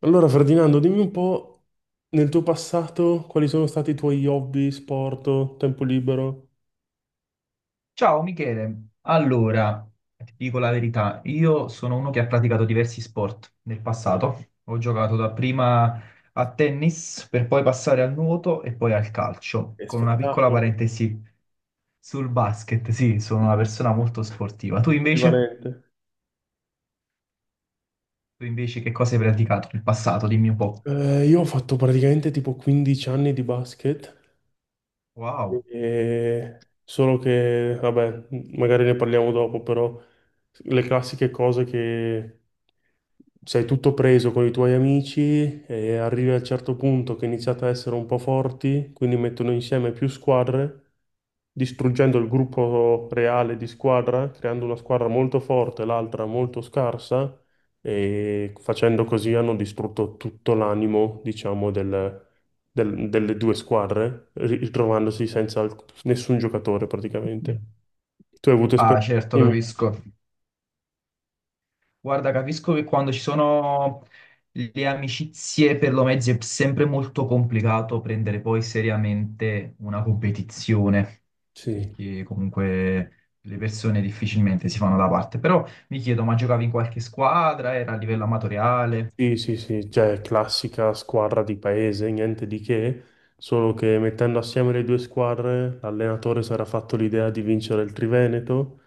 Allora, Ferdinando, dimmi un po' nel tuo passato quali sono stati i tuoi hobby, sport, tempo libero? Ciao Michele, allora, ti dico la verità, io sono uno che ha praticato diversi sport nel Ok. passato, ho giocato dapprima a tennis per poi passare al nuoto e poi al calcio, Che con una piccola spettacolo, parentesi sul basket, sì, sono una persona molto sportiva. Tu invece? polivalente. Tu invece che cosa hai praticato nel passato? Dimmi un po'. Io ho fatto praticamente tipo 15 anni di basket. Wow. Solo che, vabbè, magari ne parliamo dopo, però le classiche cose che sei tutto preso con i tuoi amici e arrivi a un certo punto che iniziate a essere un po' forti, quindi mettono insieme più squadre, distruggendo il gruppo reale di squadra, creando una squadra molto forte e l'altra molto scarsa, e facendo così hanno distrutto tutto l'animo, diciamo, delle due squadre, ritrovandosi senza nessun giocatore praticamente. Tu hai avuto Ah, esperienze certo, simili? capisco. Guarda, capisco che quando ci sono le amicizie per lo mezzo è sempre molto complicato prendere poi seriamente una competizione, Sì. perché comunque le persone difficilmente si fanno da parte. Però mi chiedo, ma giocavi in qualche squadra? Era a livello amatoriale? Sì, sì, sì, cioè classica squadra di paese, niente di che, solo che mettendo assieme le due squadre, l'allenatore si era fatto l'idea di vincere il Triveneto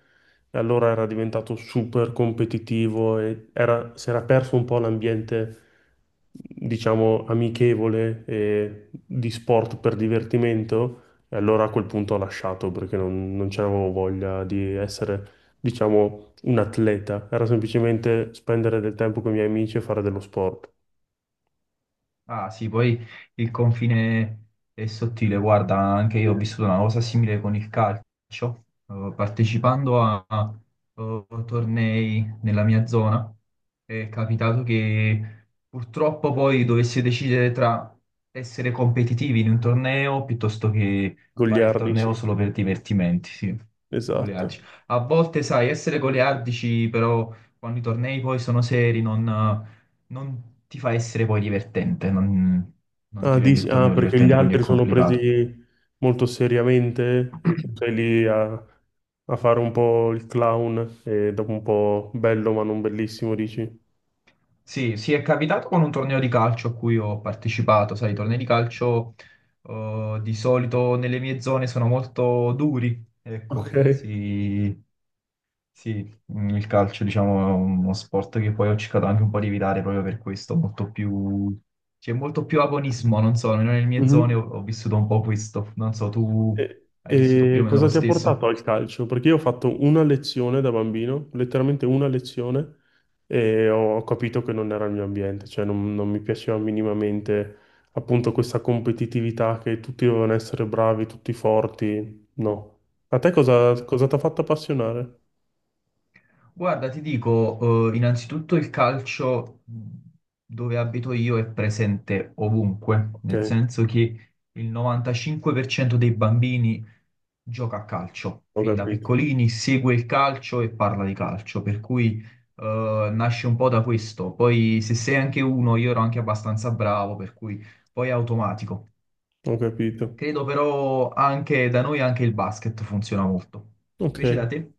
e allora era diventato super competitivo e si era perso un po' l'ambiente, diciamo, amichevole e di sport per divertimento, e allora a quel punto ho lasciato perché non c'avevo voglia di essere, diciamo, un atleta, era semplicemente spendere del tempo con i miei amici e fare dello sport. Ah sì, poi il confine è sottile, guarda, anche io ho vissuto una cosa simile con il calcio, partecipando tornei nella mia zona, è capitato che purtroppo poi dovessi decidere tra essere competitivi in un torneo piuttosto che fare il Goliardi, torneo sì, solo per divertimenti, sì, goliardici. esatto. A volte, sai, essere goliardici, però quando i tornei poi sono seri, non ti fa essere poi divertente, non Ah, ti rende il torneo perché gli divertente, quindi è altri sono complicato. presi molto seriamente e tu sei lì a, a fare un po' il clown e dopo un po' bello ma non bellissimo, dici? Sì, sì, è capitato con un torneo di calcio a cui ho partecipato, sai, i tornei di calcio di solito nelle mie zone sono molto duri, Ok. ecco, sì, sì, il calcio diciamo è uno sport che poi ho cercato anche un po' di evitare proprio per questo, C'è molto più agonismo, non so, almeno nelle mie zone Mhm. ho vissuto un po' questo, non so, tu hai vissuto più E o meno cosa lo ti ha stesso? portato al calcio? Perché io ho fatto una lezione da bambino, letteralmente una lezione, e ho capito che non era il mio ambiente, cioè non mi piaceva minimamente appunto questa competitività che tutti dovevano essere bravi, tutti forti. No. A te cosa, cosa ti ha fatto appassionare? Guarda, ti dico, innanzitutto il calcio dove abito io è presente ovunque, Ok, nel senso che il 95% dei bambini gioca a calcio, ho fin da capito, piccolini segue il calcio e parla di calcio, per cui nasce un po' da questo. Poi se sei anche uno, io ero anche abbastanza bravo, per cui poi è automatico. ho capito. Credo però anche da noi anche il basket funziona molto. Ok. Invece da te?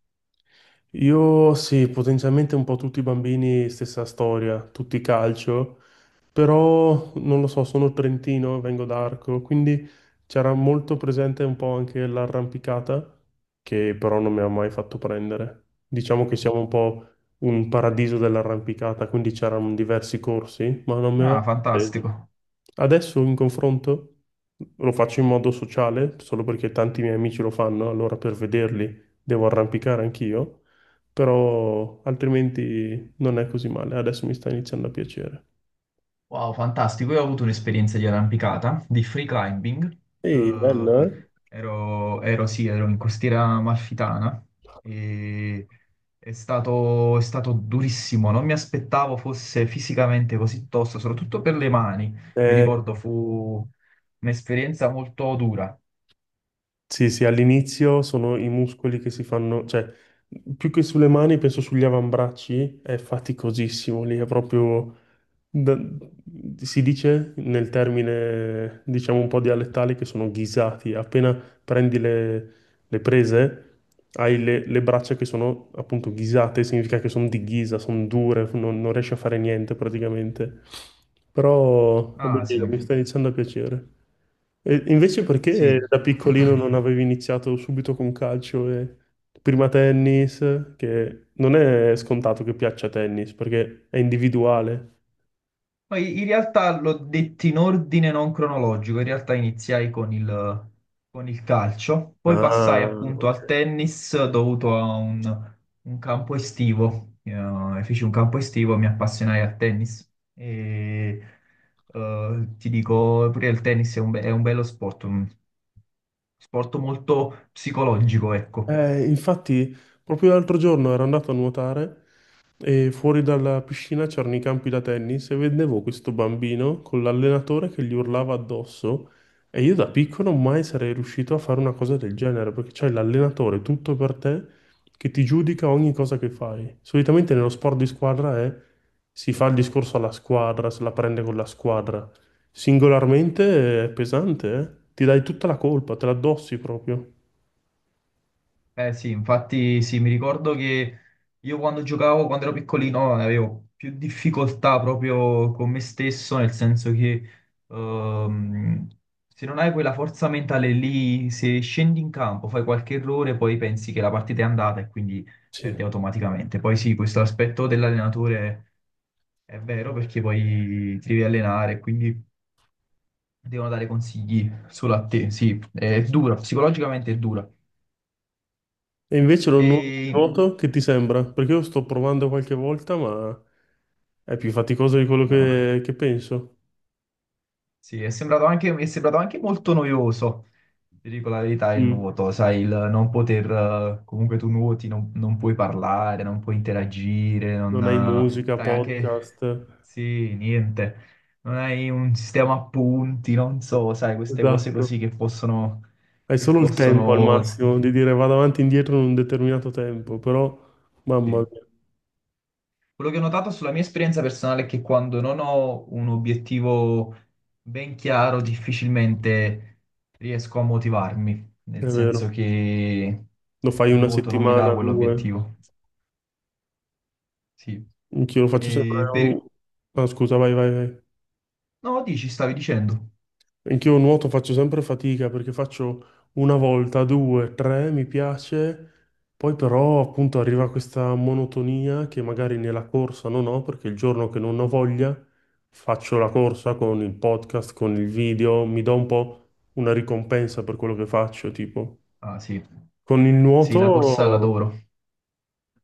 Io sì, potenzialmente un po' tutti i bambini, stessa storia, tutti calcio. Però non lo so, sono trentino, vengo da Arco, quindi c'era molto presente un po' anche l'arrampicata, che però non mi ha mai fatto prendere. Diciamo che siamo un po' un paradiso dell'arrampicata, quindi c'erano diversi corsi, ma non mi Ah, aveva preso. fantastico. Adesso in confronto lo faccio in modo sociale, solo perché tanti miei amici lo fanno, allora per vederli devo arrampicare anch'io, però altrimenti non è così male, adesso mi sta iniziando a piacere. Wow, fantastico. Io ho avuto un'esperienza di arrampicata, di free climbing. Sì, Eh, bello, eh? Sì, ero in costiera amalfitana e è stato durissimo. Non mi aspettavo fosse fisicamente così tosto, soprattutto per le mani. Mi Eh, ricordo fu un'esperienza molto dura. sì, sì, all'inizio sono i muscoli che si fanno, cioè, più che sulle mani, penso sugli avambracci, è faticosissimo lì, è proprio... Da- si dice nel termine, diciamo un po' dialettale, che sono ghisati. Appena prendi le prese, hai le braccia che sono appunto ghisate, significa che sono di ghisa, sono dure, non riesci a fare niente praticamente. Però è Ah, sì, bello, mi sta iniziando a piacere. E invece perché sì. da piccolino non avevi iniziato subito con calcio e prima tennis, che non è scontato che piaccia tennis, perché è individuale. Poi in realtà l'ho detto in ordine non cronologico, in realtà iniziai con il calcio, poi passai Ah, appunto ok. al tennis dovuto a un campo estivo. Feci un campo estivo e mi appassionai al tennis e ti dico pure il tennis è un bello sport, un sport molto psicologico, ecco. Infatti, proprio l'altro giorno ero andato a nuotare e fuori dalla piscina c'erano i campi da tennis e vedevo questo bambino con l'allenatore che gli urlava addosso, e io da piccolo mai sarei riuscito a fare una cosa del genere perché c'hai l'allenatore tutto per te che ti giudica ogni cosa che fai. Solitamente nello sport di squadra è si fa il discorso alla squadra, se la prende con la squadra. Singolarmente è pesante, eh? Ti dai tutta la colpa, te la addossi proprio. Eh sì, infatti sì, mi ricordo che io quando giocavo, quando ero piccolino, avevo più difficoltà proprio con me stesso, nel senso che ehm, se non hai quella forza mentale lì, se scendi in campo, fai qualche errore, poi pensi che la partita è andata e quindi Sì. perdi automaticamente. Poi sì, questo aspetto dell'allenatore è vero perché poi ti devi allenare, quindi devono dare consigli solo a te. Sì, è dura, psicologicamente è dura. E invece lo nuoto E... nuoto che ti sembra? Perché io sto provando qualche volta, ma è più faticoso di quello No. Che penso. Sì, è sembrato anche, mi è sembrato anche molto noioso, ti dico la verità, il Mm. nuoto, sai, il non poter, comunque tu nuoti, non puoi parlare, non puoi interagire, non, Non hai musica, sai, podcast. anche, sì, niente, non hai un sistema a punti, non so, sai, queste cose Esatto. così che possono, Hai che solo il tempo al possono, massimo di dire vado avanti e indietro in un determinato tempo, però mamma sì. mia, Quello che ho notato sulla mia esperienza personale è che quando non ho un obiettivo ben chiaro, difficilmente riesco a motivarmi, è nel senso vero. che Lo fai il una nuoto non mi dà settimana, due. quell'obiettivo. Sì. Anch'io lo faccio sempre. E per. Ah, scusa, vai, vai, vai. No, dici, stavi dicendo. Anch'io nuoto faccio sempre fatica perché faccio una volta, due, tre, mi piace, poi però appunto arriva questa monotonia che magari nella corsa non ho perché il giorno che non ho voglia faccio la corsa con il podcast, con il video, mi do un po' una ricompensa per quello che faccio, tipo. Ah, sì. Con il Sì, la corsa nuoto... l'adoro.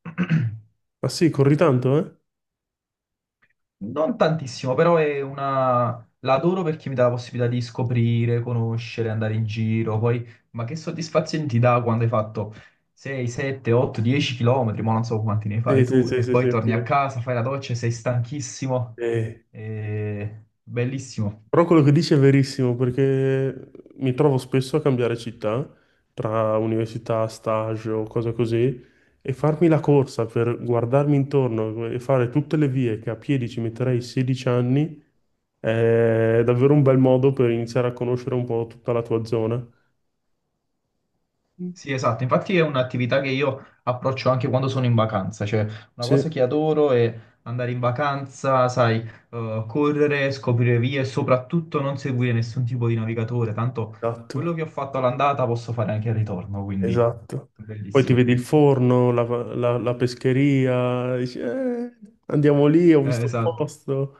Ah sì, corri tanto, eh? Non tantissimo, però è una. L'adoro perché mi dà la possibilità di scoprire, conoscere, andare in giro. Poi, ma che soddisfazione ti dà quando hai fatto 6, 7, 8, 10 chilometri, ma non so quanti ne Sì, fai sì, tu, sì, e sì, sì, poi torni a anch'io. casa, fai la doccia, e sei stanchissimo. Eh, Bellissimo. Però quello che dici è verissimo, perché mi trovo spesso a cambiare città tra università, stage o cose così, e farmi la corsa per guardarmi intorno e fare tutte le vie che a piedi ci metterei 16 anni è davvero un bel modo per iniziare a conoscere un po' tutta la tua zona. Mm. Sì, esatto, infatti è un'attività che io approccio anche quando sono in vacanza, cioè una Sì, cosa che adoro è andare in vacanza, sai, correre, scoprire vie e soprattutto non seguire nessun tipo di navigatore, tanto esatto, quello che ho fatto all'andata posso fare anche al ritorno, quindi esatto. Poi ti bellissimo. vedi il forno, la pescheria, dici, andiamo lì, ho visto un Esatto. posto."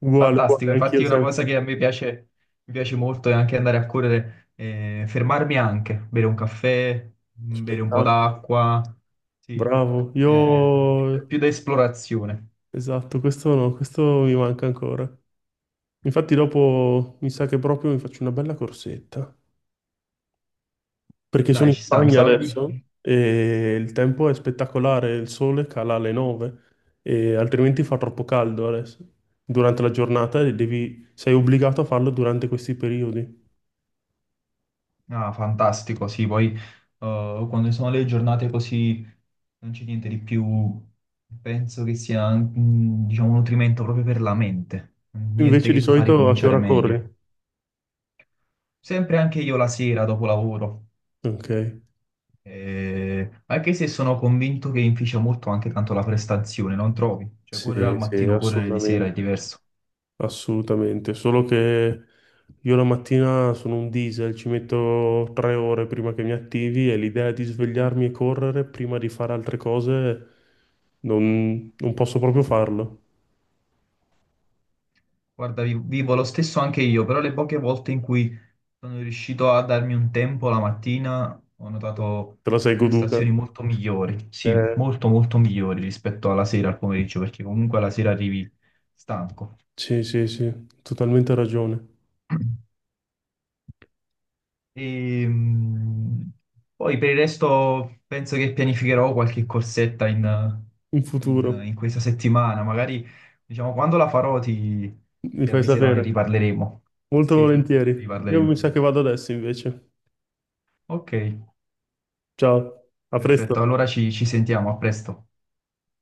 Uguale, uguale, Fantastico, anch'io infatti è una cosa sempre. che a me piace, mi piace molto è anche andare a correre, fermarmi anche, bere un caffè, bere un po' Spettacolo. d'acqua, sì, Bravo. eh, più Io... più da esplorazione. Esatto, questo no, questo mi manca ancora. Infatti dopo mi sa che proprio mi faccio una bella corsetta. Perché sono Dai, in ci sta, mi Spagna stava. adesso Mi- e il tempo è spettacolare, il sole cala alle 9 e altrimenti fa troppo caldo adesso. Durante la giornata, e devi... sei obbligato a farlo durante questi periodi. Ah, fantastico, sì, poi quando sono le giornate così non c'è niente di più, penso che sia, diciamo, un nutrimento proprio per la mente, niente Invece che di ti fa solito a che ricominciare ora meglio. corri? Sempre anche io la sera dopo lavoro. Ok, Anche se sono convinto che inficia molto anche tanto la prestazione, non trovi? Cioè, sì, correre al sì, mattino, correre di sera è assolutamente. diverso. Assolutamente, solo che io la mattina sono un diesel, ci metto 3 ore prima che mi attivi e l'idea di svegliarmi e correre prima di fare altre cose non posso proprio farlo. Guarda, vivo lo stesso anche io, però le poche volte in cui sono riuscito a darmi un tempo la mattina, ho notato Te la sei goduta? prestazioni molto migliori, sì, Eh, molto molto migliori rispetto alla sera, al pomeriggio, perché comunque alla sera arrivi stanco. sì, sì, sì, totalmente ragione. E, poi per il resto penso che pianificherò qualche corsetta in, In in- futuro, in questa settimana. Magari, diciamo, quando la farò ti, mi ti fai avviserò, ne sapere. riparleremo. Molto Sì, ne volentieri. Io riparleremo. mi sa che vado adesso invece. Ok, Ciao, a presto. perfetto. Allora ci sentiamo, a presto.